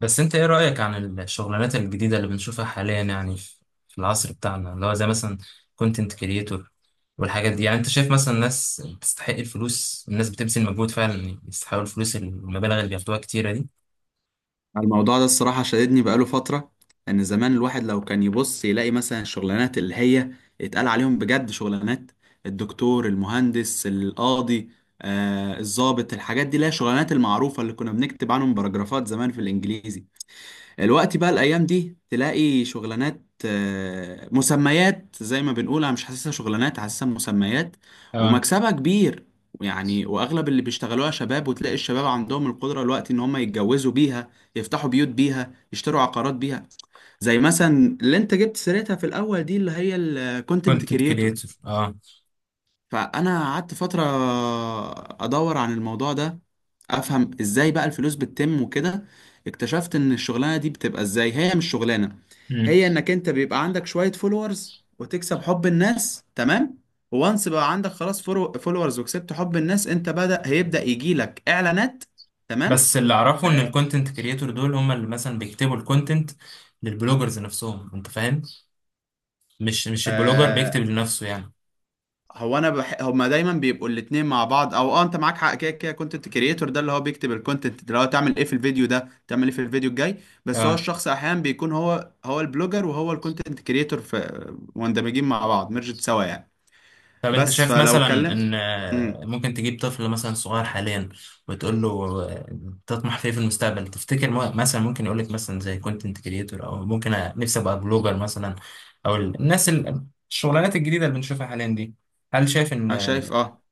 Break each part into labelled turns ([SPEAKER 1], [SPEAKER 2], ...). [SPEAKER 1] بس انت ايه رأيك عن الشغلانات الجديدة اللي بنشوفها حاليا، يعني في العصر بتاعنا، اللي هو زي مثلا كونتنت كريتور والحاجات دي؟ يعني انت شايف مثلا ناس تستحق الفلوس؟ الناس بتبذل مجهود فعلا يستحقوا الفلوس، المبالغ اللي بياخدوها كتيرة دي؟
[SPEAKER 2] الموضوع ده الصراحة شددني بقاله فترة. إن زمان الواحد لو كان يبص يلاقي مثلا الشغلانات اللي هي اتقال عليهم بجد شغلانات الدكتور المهندس القاضي الضابط، الحاجات دي اللي هي الشغلانات المعروفة اللي كنا بنكتب عنهم باراجرافات زمان في الإنجليزي. الوقت بقى الايام دي تلاقي شغلانات، مسميات، زي ما بنقول انا مش حاسسها شغلانات، حاسسها مسميات
[SPEAKER 1] اه.
[SPEAKER 2] ومكسبها كبير يعني. واغلب اللي بيشتغلوها شباب، وتلاقي الشباب عندهم القدره الوقت ان هم يتجوزوا بيها، يفتحوا بيوت بيها، يشتروا عقارات بيها، زي مثلا اللي انت جبت سيرتها في الاول دي اللي هي الكونتنت
[SPEAKER 1] كونتنت
[SPEAKER 2] كريتور.
[SPEAKER 1] كريتور، اه.
[SPEAKER 2] فانا قعدت فتره ادور عن الموضوع ده، افهم ازاي بقى الفلوس بتتم وكده. اكتشفت ان الشغلانه دي بتبقى ازاي، هي مش شغلانه،
[SPEAKER 1] مم.
[SPEAKER 2] هي انك انت بيبقى عندك شويه فولورز وتكسب حب الناس، تمام. وانس بقى عندك خلاص فولورز وكسبت حب الناس، انت بدأ هيبدأ يجيلك اعلانات، تمام.
[SPEAKER 1] بس اللي اعرفه ان الكونتنت كريتور دول هم اللي مثلا بيكتبوا الكونتنت للبلوجرز نفسهم، انت فاهم؟ مش البلوجر بيكتب لنفسه يعني.
[SPEAKER 2] هما دايما بيبقوا الاتنين مع بعض، او اه انت معاك حق، كده كده كونتنت كريتور ده اللي هو بيكتب الكونتنت، اللي هو تعمل ايه في الفيديو ده، تعمل ايه في الفيديو الجاي. بس هو الشخص احيانا بيكون هو البلوجر وهو الكونتنت كريتور، في مندمجين مع بعض، ميرجت سوا يعني.
[SPEAKER 1] طب انت
[SPEAKER 2] بس
[SPEAKER 1] شايف
[SPEAKER 2] فلو
[SPEAKER 1] مثلا
[SPEAKER 2] اتكلم
[SPEAKER 1] ان
[SPEAKER 2] امم
[SPEAKER 1] ممكن تجيب طفل مثلا صغير حاليا، وتقول له آه، تطمح في ايه في المستقبل؟ تفتكر مثلا ممكن يقول لك مثلا زي كونتنت كريتور، او ممكن نفسي ابقى بلوجر مثلا، او الناس الشغلانات الجديده اللي بنشوفها حاليا دي، هل شايف ان
[SPEAKER 2] انا شايف اه،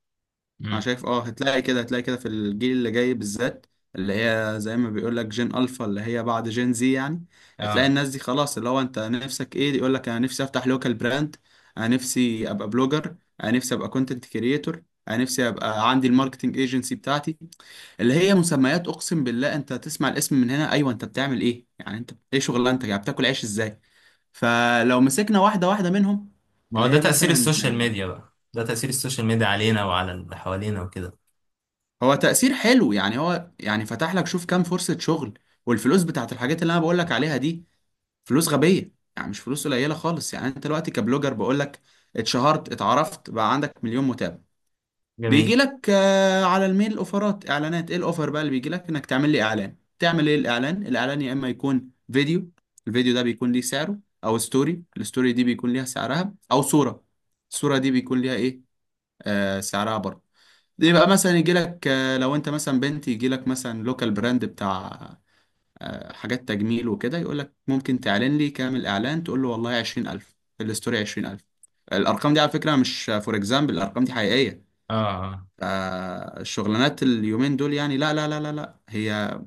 [SPEAKER 2] انا
[SPEAKER 1] مم.
[SPEAKER 2] شايف اه، هتلاقي كده في الجيل اللي جاي بالذات، اللي هي زي ما بيقول لك جين الفا، اللي هي بعد جين زي يعني. هتلاقي
[SPEAKER 1] اه،
[SPEAKER 2] الناس دي خلاص، اللي هو انت نفسك ايه؟ يقول لك انا نفسي افتح لوكال براند، انا نفسي ابقى بلوجر، انا نفسي ابقى كونتنت كريتور، انا نفسي ابقى عندي الماركتنج ايجنسي بتاعتي. اللي هي مسميات، اقسم بالله انت تسمع الاسم من هنا ايوه انت بتعمل ايه يعني؟ انت ايه شغلانتك يعني؟ بتاكل عيش ازاي؟ فلو مسكنا واحده واحده منهم،
[SPEAKER 1] ما هو
[SPEAKER 2] اللي
[SPEAKER 1] ده
[SPEAKER 2] هي
[SPEAKER 1] تاثير
[SPEAKER 2] مثلا
[SPEAKER 1] السوشيال ميديا بقى، ده تاثير السوشيال ميديا علينا وعلى اللي حوالينا وكده.
[SPEAKER 2] هو تأثير حلو يعني، هو يعني فتح لك شوف كام فرصة شغل. والفلوس بتاعت الحاجات اللي انا بقول لك عليها دي فلوس غبية يعني، مش فلوس قليلة خالص. يعني انت دلوقتي كبلوجر بقول لك، اتشهرت اتعرفت بقى عندك مليون متابع، بيجي
[SPEAKER 1] جميل.
[SPEAKER 2] لك على الميل اوفرات اعلانات. ايه الاوفر بقى اللي بيجي لك؟ انك تعمل لي اعلان. تعمل ايه الاعلان؟ الاعلان يا اما يكون فيديو، الفيديو ده بيكون ليه سعره، او ستوري، الستوري دي بيكون ليها سعرها، او صورة، الصورة دي بيكون ليها ايه؟ آه سعرها برضه. دي بقى مثلا يجي لك، لو انت مثلا بنت يجي لك مثلا لوكال براند بتاع حاجات تجميل وكده، يقول لك ممكن تعلن لي؟ كامل اعلان تقول له والله 20000، الستوري 20000. الارقام دي على فكرة مش فور اكزامبل، الارقام دي حقيقية.
[SPEAKER 1] اه.
[SPEAKER 2] فالشغلانات اليومين دول يعني، لا لا لا لا لا، هي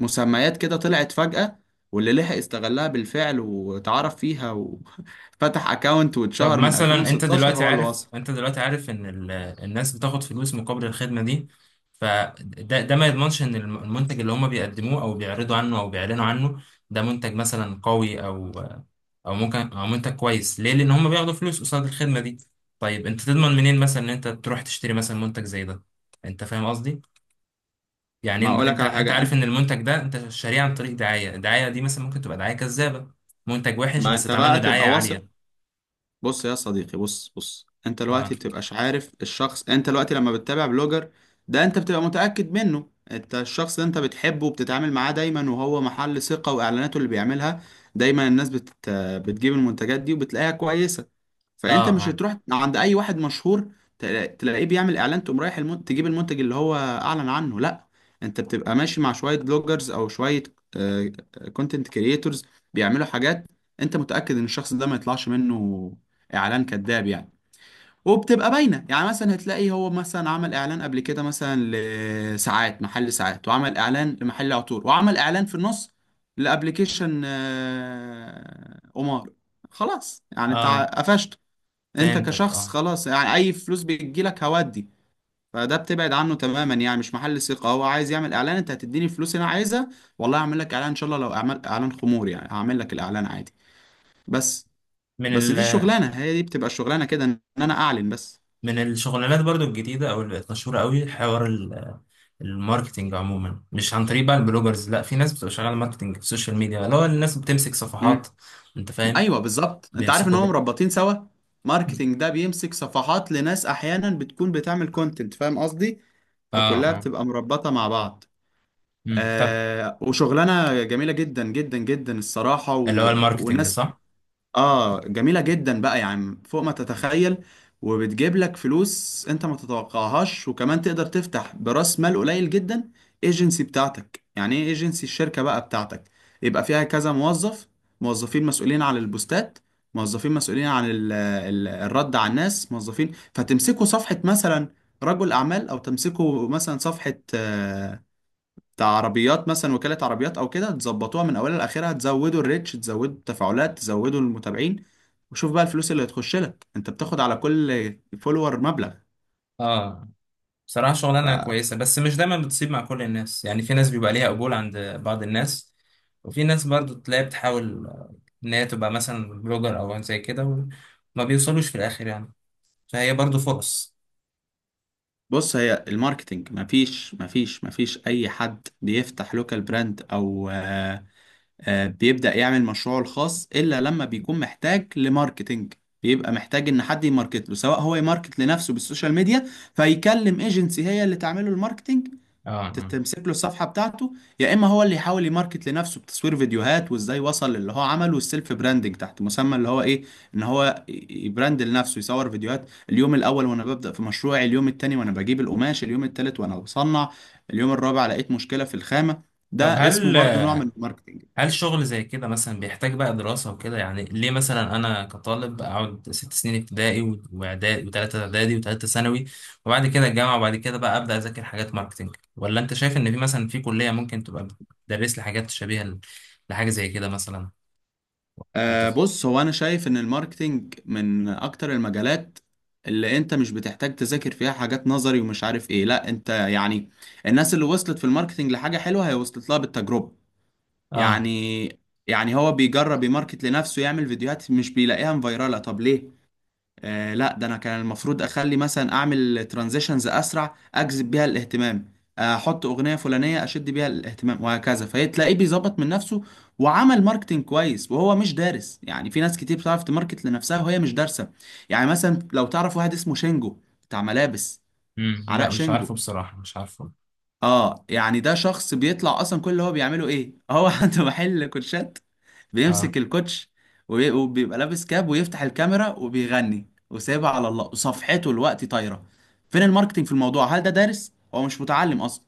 [SPEAKER 2] مسميات كده طلعت فجأة، واللي لحق استغلها بالفعل واتعرف فيها وفتح اكاونت
[SPEAKER 1] طب
[SPEAKER 2] واتشهر من
[SPEAKER 1] مثلا، انت
[SPEAKER 2] 2016
[SPEAKER 1] دلوقتي
[SPEAKER 2] هو اللي
[SPEAKER 1] عارف
[SPEAKER 2] وصل.
[SPEAKER 1] انت دلوقتي عارف ان الناس بتاخد فلوس مقابل الخدمه دي، فده ما يضمنش ان المنتج اللي هم بيقدموه او بيعرضوا عنه او بيعلنوا عنه ده منتج مثلا قوي، او ممكن او منتج كويس. ليه؟ لان هم بياخدوا فلوس قصاد الخدمه دي. طيب انت تضمن منين مثلا ان انت تروح تشتري مثلا منتج زي ده؟ انت فاهم قصدي؟ يعني
[SPEAKER 2] ما
[SPEAKER 1] انت
[SPEAKER 2] اقولك
[SPEAKER 1] انت
[SPEAKER 2] على
[SPEAKER 1] أنت
[SPEAKER 2] حاجة
[SPEAKER 1] عارف
[SPEAKER 2] انت،
[SPEAKER 1] ان المنتج ده انت شاريه عن طريق دعايه، الدعايه دي مثلا ممكن تبقى دعايه كذابه، منتج وحش
[SPEAKER 2] ما
[SPEAKER 1] بس
[SPEAKER 2] انت
[SPEAKER 1] اتعمل له
[SPEAKER 2] بقى
[SPEAKER 1] دعايه
[SPEAKER 2] تبقى
[SPEAKER 1] عاليه.
[SPEAKER 2] واثق. بص يا صديقي، بص انت
[SPEAKER 1] اه،
[SPEAKER 2] دلوقتي بتبقاش عارف الشخص. انت دلوقتي لما بتتابع بلوجر ده انت بتبقى متأكد منه. انت الشخص ده انت بتحبه وبتتعامل معاه دايما وهو محل ثقة، واعلاناته اللي بيعملها دايما الناس بتجيب المنتجات دي وبتلاقيها كويسة.
[SPEAKER 1] اه،
[SPEAKER 2] فانت مش
[SPEAKER 1] اه،
[SPEAKER 2] هتروح عند اي واحد مشهور تلاقيه بيعمل اعلان تقوم رايح تجيب المنتج اللي هو اعلن عنه، لا. انت بتبقى ماشي مع شوية بلوجرز او شوية كونتنت كرييتورز بيعملوا حاجات، انت متأكد ان الشخص ده ما يطلعش منه اعلان كذاب يعني. وبتبقى باينة يعني، مثلا هتلاقي هو مثلا عمل اعلان قبل كده مثلا لساعات، محل ساعات، وعمل اعلان لمحل عطور، وعمل اعلان في النص لابلكيشن قمار. خلاص يعني انت
[SPEAKER 1] اه.
[SPEAKER 2] قفشت. انت
[SPEAKER 1] فهمتك،
[SPEAKER 2] كشخص
[SPEAKER 1] اه.
[SPEAKER 2] خلاص يعني اي فلوس بتجيلك هودي. فده بتبعد عنه تماما يعني، مش محل ثقة. هو عايز يعمل اعلان، انت هتديني الفلوس اللي انا عايزها، والله هعمل لك اعلان ان شاء الله. لو اعمل اعلان خمور يعني هعمل لك الاعلان عادي، بس.
[SPEAKER 1] من
[SPEAKER 2] بس
[SPEAKER 1] ال
[SPEAKER 2] دي الشغلانة، هي دي بتبقى الشغلانة، كده ان انا اعلن بس.
[SPEAKER 1] من الشغلانات برضو الجديدة أو اللي بقت مشهورة قوي، حوار الماركتينج عموما، مش عن طريق بقى البلوجرز، لا، في ناس بتبقى شغالة ماركتينج في السوشيال ميديا، اللي هو الناس بتمسك صفحات.
[SPEAKER 2] مم.
[SPEAKER 1] أنت فاهم؟
[SPEAKER 2] ايوه بالظبط، انت عارف ان
[SPEAKER 1] بيمسكوا
[SPEAKER 2] هم
[SPEAKER 1] ب...
[SPEAKER 2] مربطين سوا. ماركتينج ده بيمسك صفحات لناس احيانا بتكون بتعمل كونتنت، فاهم قصدي؟
[SPEAKER 1] اه،
[SPEAKER 2] فكلها
[SPEAKER 1] اه،
[SPEAKER 2] بتبقى مربطة مع بعض.
[SPEAKER 1] طب،
[SPEAKER 2] وشغلانة جميلة جدا جدا جدا الصراحة،
[SPEAKER 1] اللي هو الماركتينج،
[SPEAKER 2] وناس.
[SPEAKER 1] صح؟
[SPEAKER 2] اه جميلة جدا بقى يا عم، فوق ما تتخيل. وبتجيب لك فلوس انت ما تتوقعهاش، وكمان تقدر تفتح براس مال قليل جدا ايجنسي بتاعتك. يعني ايه ايجنسي؟ الشركة بقى بتاعتك، يبقى فيها كذا موظف، موظفين مسؤولين عن البوستات، موظفين مسؤولين عن ال الرد على الناس، موظفين. فتمسكوا صفحة مثلا رجل اعمال، او تمسكوا مثلا صفحة بتاع عربيات مثلا، وكالة عربيات او كده، تظبطوها من اولها لاخرها، تزودوا الريتش، تزودوا التفاعلات، تزودوا المتابعين. وشوف بقى الفلوس اللي هتخش لك، انت بتاخد على كل فولور مبلغ.
[SPEAKER 1] اه، بصراحة شغلانة كويسة بس مش دايما بتصيب مع كل الناس، يعني في ناس بيبقى ليها قبول عند بعض الناس، وفي ناس برضو تلاقي بتحاول إن هي تبقى مثلا بلوجر أو زي كده، وما بيوصلوش في الآخر يعني. فهي برضو فرص.
[SPEAKER 2] فبص هي الماركتينج، مفيش اي حد بيفتح لوكال براند او بيبدأ يعمل مشروعه الخاص الا لما بيكون محتاج لماركتينج. بيبقى محتاج ان حد يماركت له، سواء هو يماركت لنفسه بالسوشيال ميديا فيكلم ايجنسي هي اللي تعمله الماركتينج،
[SPEAKER 1] اه. آه.
[SPEAKER 2] تمسك له الصفحة بتاعته، يا إما هو اللي يحاول يماركت لنفسه بتصوير فيديوهات وإزاي وصل للي هو عمله، والسيلف براندنج تحت مسمى اللي هو إيه، إن هو يبراند لنفسه. يصور فيديوهات اليوم الأول وأنا ببدأ في مشروعي، اليوم التاني وأنا بجيب القماش، اليوم التالت وأنا بصنع، اليوم الرابع لقيت مشكلة في الخامة. ده
[SPEAKER 1] طب
[SPEAKER 2] اسمه
[SPEAKER 1] هل
[SPEAKER 2] برضو نوع من الماركتنج.
[SPEAKER 1] هل شغل زي كده مثلا بيحتاج بقى دراسة وكده؟ يعني ليه مثلا أنا كطالب أقعد 6 سنين ابتدائي وإعدادي، وتلاتة إعدادي وتلاتة ثانوي، وبعد كده الجامعة، وبعد كده بقى أبدأ أذاكر حاجات ماركتينج؟ ولا أنت شايف إن في مثلا، في كلية ممكن تبقى بتدرس لي حاجات شبيهة لحاجة زي كده مثلا؟ أنت ف...
[SPEAKER 2] بص هو انا شايف ان الماركتينج من اكتر المجالات اللي انت مش بتحتاج تذاكر فيها حاجات نظري ومش عارف ايه، لا، انت يعني الناس اللي وصلت في الماركتينج لحاجة حلوة هي وصلت لها بالتجربة
[SPEAKER 1] آه.
[SPEAKER 2] يعني. يعني هو بيجرب يماركت لنفسه، يعمل فيديوهات مش بيلاقيها مفيرالة، طب ليه؟ آه لا ده انا كان المفروض اخلي، مثلا اعمل ترانزيشنز اسرع اجذب بيها الاهتمام، احط اغنيه فلانيه اشد بيها الاهتمام، وهكذا. فتلاقيه بيظبط من نفسه وعمل ماركتنج كويس وهو مش دارس. يعني في ناس كتير بتعرف تماركت لنفسها وهي مش دارسه. يعني مثلا لو تعرف واحد اسمه شينجو، بتاع ملابس،
[SPEAKER 1] مم.
[SPEAKER 2] علاء
[SPEAKER 1] لا مش
[SPEAKER 2] شينجو.
[SPEAKER 1] عارفه بصراحة، مش عارفه.
[SPEAKER 2] اه يعني ده شخص بيطلع اصلا. كل اللي هو بيعمله ايه؟ هو عنده محل كوتشات،
[SPEAKER 1] آه،
[SPEAKER 2] بيمسك الكوتش وبيبقى لابس كاب ويفتح الكاميرا وبيغني وسايبها على الله، وصفحته الوقت طايره. فين الماركتينج في الموضوع؟ هل ده دارس؟ هو مش متعلم اصلا،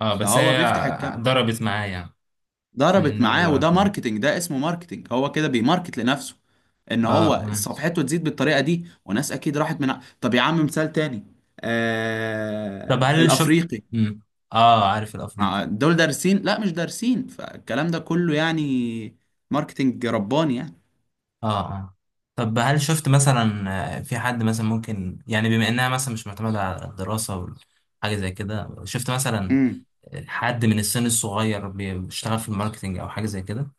[SPEAKER 1] آه، بس
[SPEAKER 2] فهو
[SPEAKER 1] هي
[SPEAKER 2] بيفتح الكاميرا،
[SPEAKER 1] ضربت معايا يعني. من
[SPEAKER 2] ضربت
[SPEAKER 1] النوع اللي
[SPEAKER 2] معاه. وده
[SPEAKER 1] ضربت معايا.
[SPEAKER 2] ماركتينج، ده اسمه ماركتينج، هو كده بيماركت لنفسه ان
[SPEAKER 1] آه،
[SPEAKER 2] هو
[SPEAKER 1] آه.
[SPEAKER 2] صفحته تزيد بالطريقه دي. وناس اكيد راحت طب يا عم، مثال تاني،
[SPEAKER 1] طب هل شفت؟
[SPEAKER 2] الافريقي.
[SPEAKER 1] مم. آه، عارف الأفريقي.
[SPEAKER 2] مع دول دارسين؟ لا مش دارسين. فالكلام ده كله يعني ماركتينج رباني يعني.
[SPEAKER 1] اه، اه. طب هل شفت مثلا في حد مثلا، ممكن يعني بما انها مثلا مش معتمدة على الدراسة وحاجة زي كده، شفت مثلا
[SPEAKER 2] امم
[SPEAKER 1] حد من السن الصغير بيشتغل في الماركتينج او حاجة زي كده؟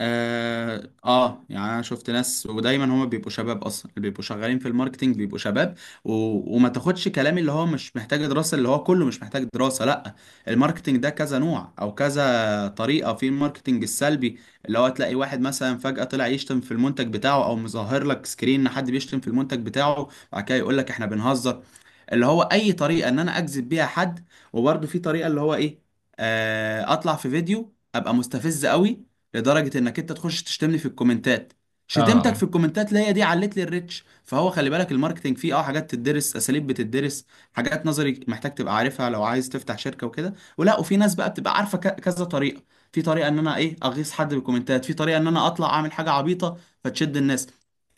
[SPEAKER 2] يعني انا شفت ناس، ودايما هما بيبقوا شباب اصلا، اللي بيبقوا شغالين في الماركتينج بيبقوا شباب. و... وما تاخدش كلامي اللي هو مش محتاج دراسة اللي هو كله مش محتاج دراسة، لا. الماركتينج ده كذا نوع او كذا طريقة. في الماركتينج السلبي، اللي هو تلاقي واحد مثلا فجأة طلع يشتم في المنتج بتاعه، او مظهر لك سكرين ان حد بيشتم في المنتج بتاعه، بعد كده يقول لك احنا بنهزر. اللي هو اي طريقه ان انا اجذب بيها حد. وبرده في طريقه اللي هو ايه، اطلع في فيديو ابقى مستفز قوي لدرجه انك انت تخش تشتمني في الكومنتات،
[SPEAKER 1] اه.
[SPEAKER 2] شتمتك في
[SPEAKER 1] اه.
[SPEAKER 2] الكومنتات اللي هي دي علت لي الريتش. فهو خلي بالك الماركتينج فيه اه حاجات تدرس، اساليب بتدرس، حاجات نظري محتاج تبقى عارفها لو عايز تفتح شركه وكده، ولا وفي ناس بقى بتبقى عارفه كذا طريقه. في طريقه ان انا ايه اغيظ حد بالكومنتات، في طريقه ان انا اطلع اعمل حاجه عبيطه فتشد الناس.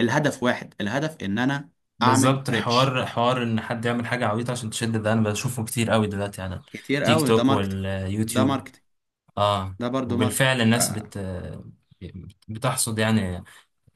[SPEAKER 2] الهدف واحد، الهدف ان انا اعمل
[SPEAKER 1] بالظبط،
[SPEAKER 2] ريتش
[SPEAKER 1] حوار، حوار ان حد يعمل حاجة عبيطة عشان تشد، ده انا بشوفه كتير قوي دلوقتي على
[SPEAKER 2] كتير
[SPEAKER 1] تيك
[SPEAKER 2] قوي. ده
[SPEAKER 1] توك
[SPEAKER 2] ماركتينج، ده
[SPEAKER 1] واليوتيوب.
[SPEAKER 2] ماركتينج،
[SPEAKER 1] اه.
[SPEAKER 2] ده برضو ماركتينج.
[SPEAKER 1] وبالفعل الناس بتحصد يعني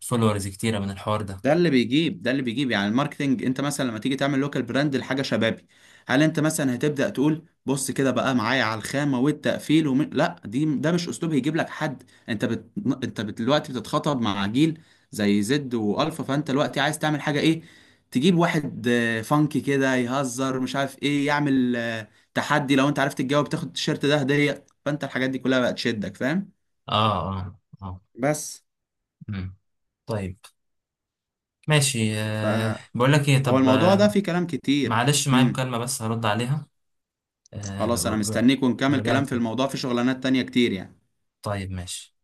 [SPEAKER 1] فولورز كتيرة من الحوار ده.
[SPEAKER 2] ده اللي بيجيب، ده اللي بيجيب يعني الماركتينج. انت مثلا لما تيجي تعمل لوكال براند لحاجه شبابي، هل انت مثلا هتبدا تقول بص كده بقى معايا على الخامه والتقفيل لا دي ده مش اسلوب هيجيب لك حد. انت بت... دلوقتي بتتخاطب مع جيل زي زد والفا، فانت دلوقتي عايز تعمل حاجه ايه؟ تجيب واحد فانكي كده يهزر مش عارف ايه، يعمل تحدي لو انت عرفت تجاوب تاخد التيشيرت ده هديه. فانت الحاجات دي كلها بقت تشدك، فاهم؟
[SPEAKER 1] اه، اه، اه.
[SPEAKER 2] بس
[SPEAKER 1] مم. طيب ماشي. أه،
[SPEAKER 2] فهو
[SPEAKER 1] بقول لك ايه، طب
[SPEAKER 2] الموضوع ده فيه كلام كتير.
[SPEAKER 1] معلش معايا
[SPEAKER 2] امم
[SPEAKER 1] مكالمة بس هرد عليها.
[SPEAKER 2] خلاص انا
[SPEAKER 1] أه،
[SPEAKER 2] مستنيك، ونكمل
[SPEAKER 1] وارجع لك
[SPEAKER 2] كلام في
[SPEAKER 1] تاني.
[SPEAKER 2] الموضوع، في شغلانات تانية كتير يعني.
[SPEAKER 1] طيب ماشي.